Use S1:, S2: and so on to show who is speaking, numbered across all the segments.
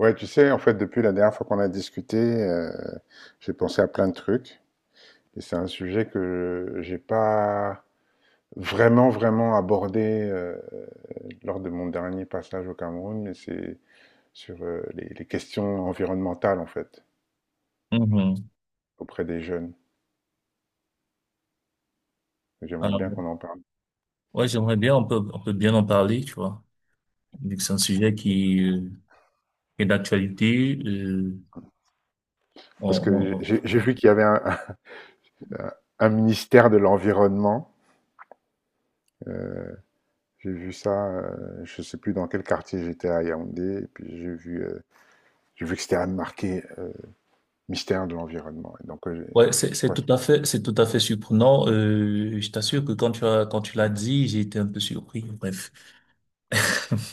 S1: Ouais, tu sais, en fait, depuis la dernière fois qu'on a discuté, j'ai pensé à plein de trucs. Et c'est un sujet que j'ai pas vraiment abordé lors de mon dernier passage au Cameroun, mais c'est sur les questions environnementales, en fait,
S2: Mhm.
S1: auprès des jeunes. J'aimerais
S2: Alors,
S1: bien qu'on en parle.
S2: ouais, j'aimerais bien, on peut bien en parler, tu vois, vu que c'est un sujet qui est d'actualité.
S1: Parce que
S2: On,
S1: j'ai vu qu'il y avait un,
S2: on-
S1: un- un ministère de l'environnement. Euh, j'ai vu ça, je sais plus dans quel quartier j'étais à Yaoundé, et puis j'ai vu que c'était marqué Mystère de l'environnement. Et donc,
S2: ouais,
S1: quoi,
S2: c'est tout à fait surprenant. Je t'assure que quand tu l'as dit, j'ai été un peu surpris. Bref.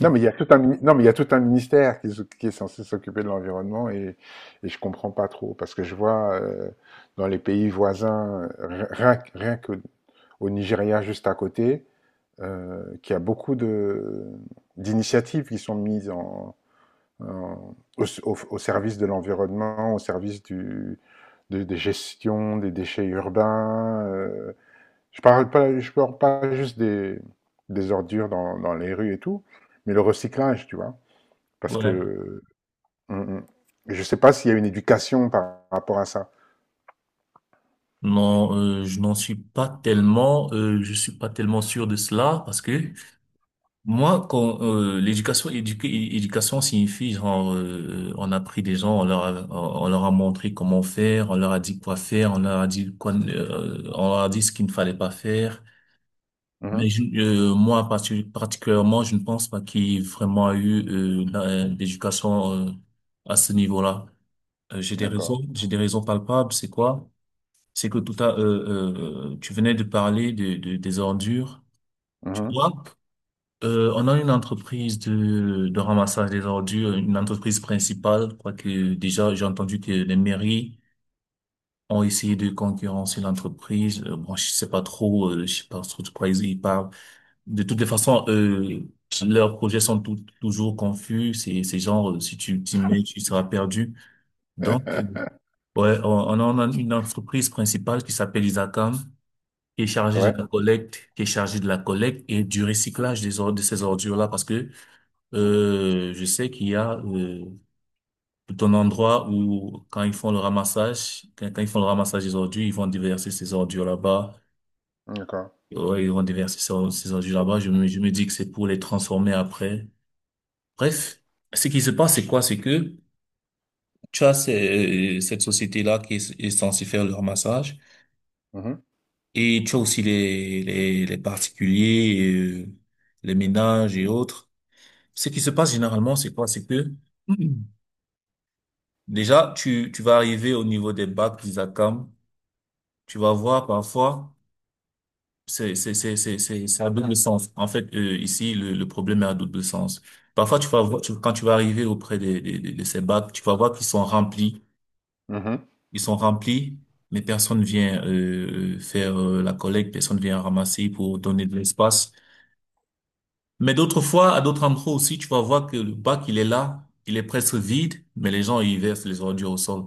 S1: Non, mais il y a tout un, non, mais il y a tout un ministère qui, qui est censé s'occuper de l'environnement et je comprends pas trop parce que je vois dans les pays voisins, rien que au Nigeria juste à côté, qu'il y a beaucoup de d'initiatives qui sont mises au service de l'environnement, au service de, des gestions des déchets urbains. Je parle pas juste des ordures dans les rues et tout, mais le recyclage, tu vois. Parce
S2: Ouais.
S1: que mm, mm. je sais pas s'il y a une éducation par rapport à ça.
S2: Non, je suis pas tellement sûr de cela, parce que moi, quand éducation signifie genre, on a pris des gens, on leur a montré comment faire, on leur a dit quoi faire, on leur a dit ce qu'il ne fallait pas faire. Mais
S1: Mhm.
S2: je- euh, moi particulièrement, je ne pense pas qu'il y ait vraiment eu l'éducation à ce niveau-là.
S1: D'accord.
S2: J'ai des raisons palpables. C'est quoi? C'est que tu venais de parler des ordures, tu
S1: Mhm.
S2: vois? On a une entreprise de ramassage des ordures, une entreprise principale. Je crois que déjà, j'ai entendu que les mairies ont essayé de concurrencer l'entreprise. Bon, je sais pas trop de quoi ils parlent. De toutes les façons, leurs projets sont toujours confus. C'est genre, si tu t'y mets, tu seras perdu. Donc, ouais, on a une entreprise principale qui s'appelle Isacam,
S1: Ouais,
S2: qui est chargée de la collecte et du recyclage des ordures, de ces ordures-là, parce que je sais qu'il y a tout un endroit où quand ils font le ramassage des ordures, ils vont déverser ces ordures là-bas.
S1: d'accord.
S2: Ouais, ils vont déverser ces ordures là-bas. Je me dis que c'est pour les transformer après. Bref, ce qui se passe, c'est quoi? C'est que tu as cette société-là qui est censée faire le ramassage,
S1: Mhm.
S2: et tu as aussi les particuliers, les ménages et autres. Ce qui se passe généralement, c'est quoi? C'est que déjà, tu vas arriver au niveau des bacs d'ISACAM. Tu vas voir parfois, c'est à double sens. En fait, ici, le problème est à double sens. Parfois, tu vas voir, quand tu vas arriver auprès de ces bacs, tu vas voir qu'ils sont remplis.
S1: Mhm.
S2: Ils sont remplis, mais personne vient, faire, la collecte, personne vient ramasser pour donner de l'espace. Mais d'autres fois, à d'autres endroits aussi, tu vas voir que le bac, il est là, il est presque vide, mais les gens, ils versent les ordures au sol.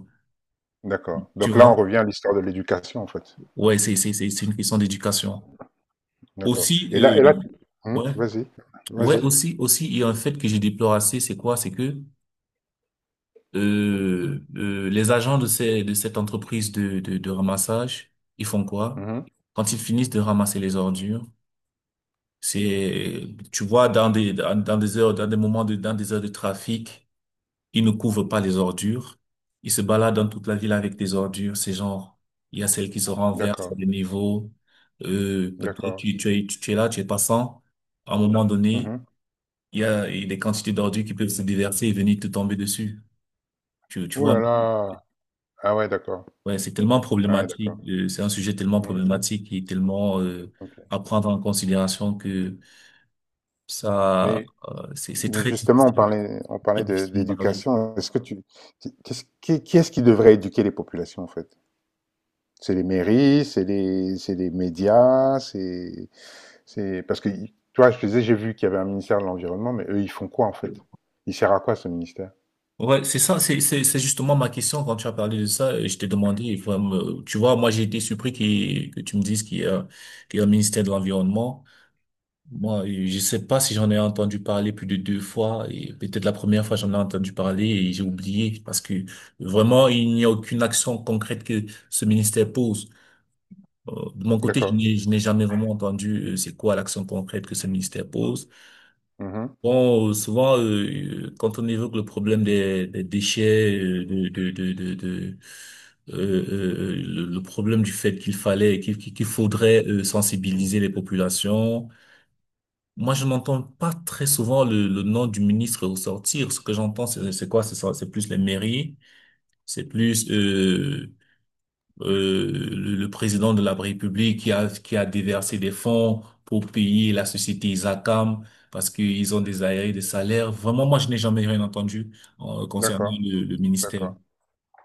S1: D'accord.
S2: Tu
S1: Donc là, on
S2: vois?
S1: revient à l'histoire de l'éducation, en fait.
S2: Ouais, c'est une question d'éducation.
S1: D'accord.
S2: Aussi,
S1: Et là,
S2: ouais,
S1: vas-y,
S2: ouais,
S1: vas-y.
S2: aussi, il y a un fait que je déplore assez, c'est quoi? C'est que les agents de cette entreprise de ramassage, ils font quoi?
S1: Mhm.
S2: Quand ils finissent de ramasser les ordures, c'est, tu vois, dans des heures de trafic, ils ne couvrent pas les ordures. Ils se baladent dans toute la ville avec des ordures. C'est genre, il y a celles qui se renversent
S1: D'accord,
S2: à des niveaux. Peut-être
S1: d'accord.
S2: tu es passant à un moment donné.
S1: Mhm.
S2: Il y a des quantités d'ordures qui peuvent se déverser et venir te tomber dessus. Tu
S1: Ouh
S2: vois,
S1: là là. Ah ouais, d'accord.
S2: ouais, c'est tellement
S1: Ah ouais,
S2: problématique.
S1: d'accord.
S2: C'est un sujet tellement
S1: Mhm.
S2: problématique et tellement à
S1: Ok.
S2: prendre en considération que ça,
S1: Mais
S2: c'est
S1: Mais justement, on
S2: très
S1: parlait
S2: difficile de parler.
S1: d'éducation. Est-ce que tu, qu'est-ce- qui est-ce qui devrait éduquer les populations, en fait? C'est les mairies, c'est les médias, parce que, toi, je te disais, j'ai vu qu'il y avait un ministère de l'Environnement, mais eux, ils font quoi, en fait? Il sert à quoi, ce ministère?
S2: Ouais, c'est ça, c'est justement ma question quand tu as parlé de ça. Je t'ai demandé, tu vois, moi j'ai été surpris que tu me dises qu'il y a un ministère de l'Environnement. Moi, je sais pas si j'en ai entendu parler plus de deux fois, et peut-être la première fois j'en ai entendu parler et j'ai oublié, parce que vraiment il n'y a aucune action concrète que ce ministère pose. De mon côté, je
S1: D'accord.
S2: n'ai je n'ai jamais vraiment entendu c'est quoi l'action concrète que ce ministère pose.
S1: Mhm.
S2: Bon, souvent quand on évoque le problème des déchets, le problème du fait qu'il fallait qu'il qu'il faudrait sensibiliser les populations. Moi, je n'entends pas très souvent le nom du ministre ressortir. Ce que j'entends, c'est quoi? C'est plus les mairies, c'est plus le président de la République qui a déversé des fonds pour payer la société Isacam parce qu'ils ont des aérés de salaire. Vraiment, moi, je n'ai jamais rien entendu concernant
S1: D'accord.
S2: le ministère.
S1: D'accord.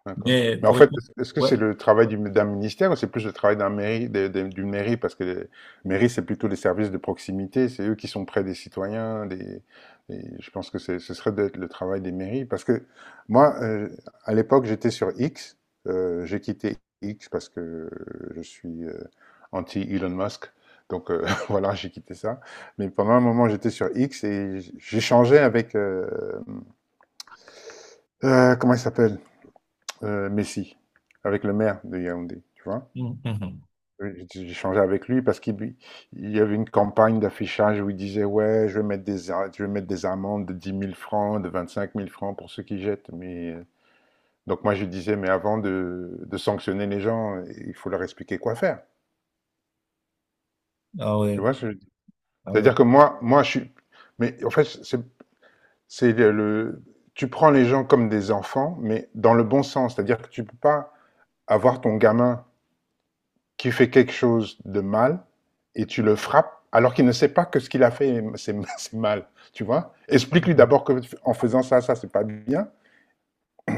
S1: D'accord.
S2: Mais
S1: Mais en
S2: pour
S1: fait,
S2: répondre,
S1: est-ce que
S2: ouais.
S1: c'est le travail d'un ministère ou c'est plus le travail d'un mairie, d'une mairie? Parce que les mairies, c'est plutôt les services de proximité, c'est eux qui sont près des citoyens, je pense que ce serait d'être le travail des mairies. Parce que moi, à l'époque, j'étais sur X, j'ai quitté X parce que je suis anti-Elon Musk. Donc voilà, j'ai quitté ça. Mais pendant un moment, j'étais sur X et j'échangeais avec comment il s'appelle? Messi, avec le maire de Yaoundé, tu vois?
S2: Mhm.
S1: Oui, j'ai avec lui parce qu'il il y avait une campagne d'affichage où il disait: «Ouais, je vais mettre des amendes de dix mille francs, de vingt-cinq mille francs pour ceux qui jettent», mais donc moi, je lui disais: «Mais avant de sanctionner les gens, il faut leur expliquer quoi faire».
S2: Ah
S1: Tu
S2: ouais,
S1: vois ce que je veux dire?
S2: ah ouais.
S1: C'est-à-dire que moi, je suis mais en fait, c'est le tu prends les gens comme des enfants, mais dans le bon sens, c'est-à-dire que tu peux pas avoir ton gamin qui fait quelque chose de mal et tu le frappes alors qu'il ne sait pas que ce qu'il a fait c'est mal, tu vois. Explique-lui
S2: Mhm.
S1: d'abord que en faisant ça c'est pas bien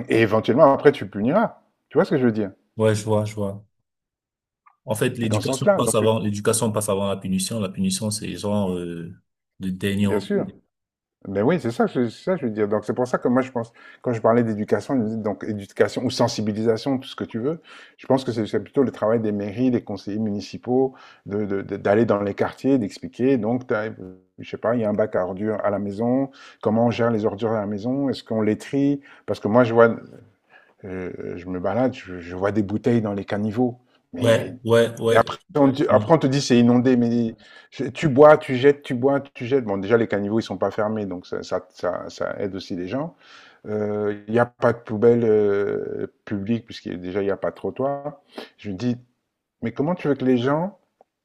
S1: et éventuellement après tu puniras. Tu vois ce que je veux dire.
S2: Ouais, je vois, je vois. En fait,
S1: Et dans ce sens-là, donc
S2: l'éducation passe avant la punition. La punition, c'est genre le dernier
S1: bien
S2: recours.
S1: sûr. Ben oui, c'est ça, c'est ça que je veux dire. Donc c'est pour ça que moi je pense, quand je parlais d'éducation, je me dis donc éducation ou sensibilisation, tout ce que tu veux, je pense que c'est plutôt le travail des mairies, des conseillers municipaux, d'aller dans les quartiers, d'expliquer. Donc, t'as, je sais pas, il y a un bac à ordures à la maison, comment on gère les ordures à la maison, est-ce qu'on les trie? Parce que moi je vois, je me balade, je vois des bouteilles dans les caniveaux. Mais
S2: Ouais, ouais, ouais, ouais.
S1: après, on te dit c'est inondé, mais tu bois, tu jettes, tu bois, tu jettes. Bon, déjà, les caniveaux, ils sont pas fermés, donc ça aide aussi les gens. Il n'y a pas de poubelle publique, puisqu'il déjà, il n'y a pas de trottoir. Je me dis, mais comment tu veux que les gens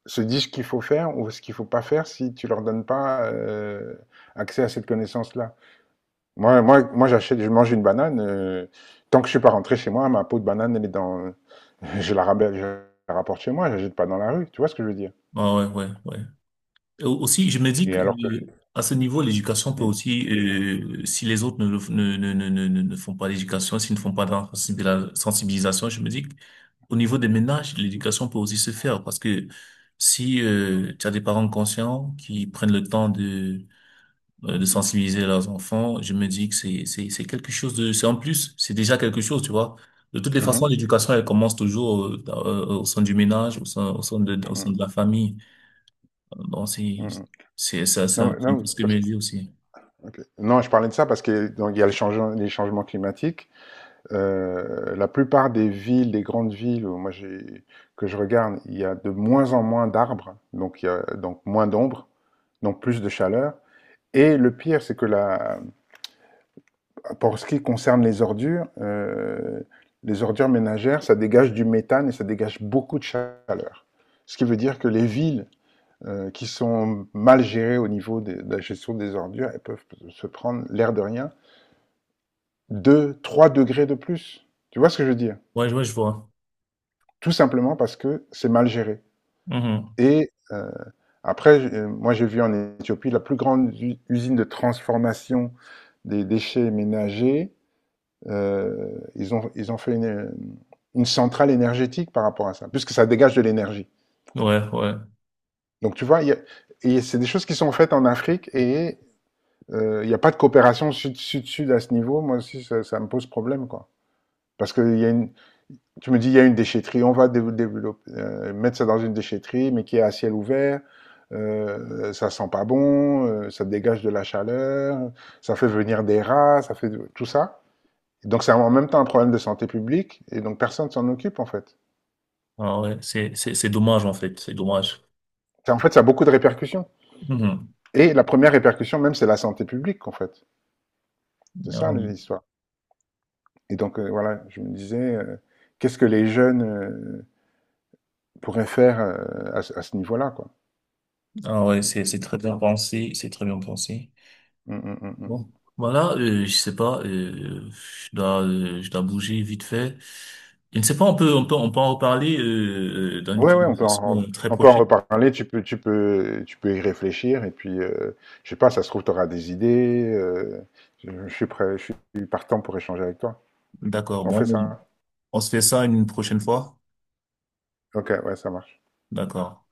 S1: se disent ce qu'il faut faire ou ce qu'il faut pas faire si tu leur donnes pas accès à cette connaissance-là? Moi j'achète, je mange une banane. Tant que je suis pas rentré chez moi, ma peau de banane, elle est dans, je la ramène, je la rapporte chez moi, je la jette pas dans la rue. Tu vois ce que je veux dire?
S2: Ah ouais, ouais, ouais. Et aussi, je me dis
S1: Et
S2: que
S1: alors que
S2: à ce niveau, l'éducation peut
S1: mmh,
S2: aussi, si les autres ne, le f- ne, ne, ne, ne, ne ne font pas l'éducation, s'ils ne font pas de la sensibilisation, je me dis qu'au niveau des ménages, l'éducation peut aussi se faire, parce que si tu as des parents conscients qui prennent le temps de sensibiliser leurs enfants, je me dis que c'est en plus, c'est déjà quelque chose, tu vois. De toutes les façons,
S1: mmh
S2: l'éducation elle commence toujours au sein du ménage, au sein
S1: mh, mmh,
S2: de la famille. Donc, c'est
S1: mmh
S2: c'est ça
S1: Non,
S2: ça c'est un
S1: non,
S2: peu ce que
S1: parce
S2: me dit aussi.
S1: OK. Non, je parlais de ça parce que donc il y a le changement les changements climatiques. La plupart des villes, des grandes villes où moi j'ai que je regarde, il y a de moins en moins d'arbres, donc il y a donc moins d'ombre, donc plus de chaleur et le pire, c'est que la pour ce qui concerne les ordures ménagères, ça dégage du méthane et ça dégage beaucoup de chaleur. Ce qui veut dire que les villes qui sont mal gérées au niveau de la gestion des ordures, elles peuvent se prendre, l'air de rien, 2, 3 degrés de plus. Tu vois ce que je veux dire.
S2: Ouais, ouais, je vois.
S1: Tout simplement parce que c'est mal géré.
S2: Mhm.
S1: Et après, moi j'ai vu en Éthiopie la plus grande usine de transformation des déchets ménagers. Ils ont fait une centrale énergétique par rapport à ça, puisque ça dégage de l'énergie.
S2: Ouais, ouais.
S1: Donc tu vois, et c'est des choses qui sont faites en Afrique et il n'y a pas de coopération sud-sud-sud à ce niveau. Moi aussi, ça me pose problème, quoi. Parce que tu me dis, il y a une déchetterie, on va développer, mettre ça dans une déchetterie, mais qui est à ciel ouvert. Ça sent pas bon, ça dégage de la chaleur, ça fait venir des rats, ça fait tout ça. Donc c'est en même temps un problème de santé publique, et donc personne ne s'en occupe en fait.
S2: Ah ouais, c'est dommage, en fait, c'est dommage.
S1: En fait, ça a beaucoup de répercussions.
S2: Mhm.
S1: Et la première répercussion même, c'est la santé publique en fait. C'est
S2: Ah
S1: ça
S2: oui.
S1: l'histoire. Et donc voilà, je me disais, qu'est-ce que les jeunes euh, pourrait faire à ce niveau-là, quoi.
S2: Ah ouais, c'est très bien pensé, c'est très bien pensé.
S1: Mm, mm, mm, mm.
S2: Bon, voilà, je sais pas, je dois bouger vite fait. Je ne sais pas, on peut, en reparler dans une
S1: Ouais, ouais,
S2: conversation très
S1: on peut en
S2: prochaine.
S1: reparler, tu peux y réfléchir, et puis, je sais pas, ça se trouve, tu auras des idées, je suis prêt, je suis partant pour échanger avec toi.
S2: D'accord.
S1: On
S2: Bon,
S1: fait
S2: on
S1: ça?
S2: on se fait ça une prochaine fois.
S1: Ok, ouais, ça marche.
S2: D'accord.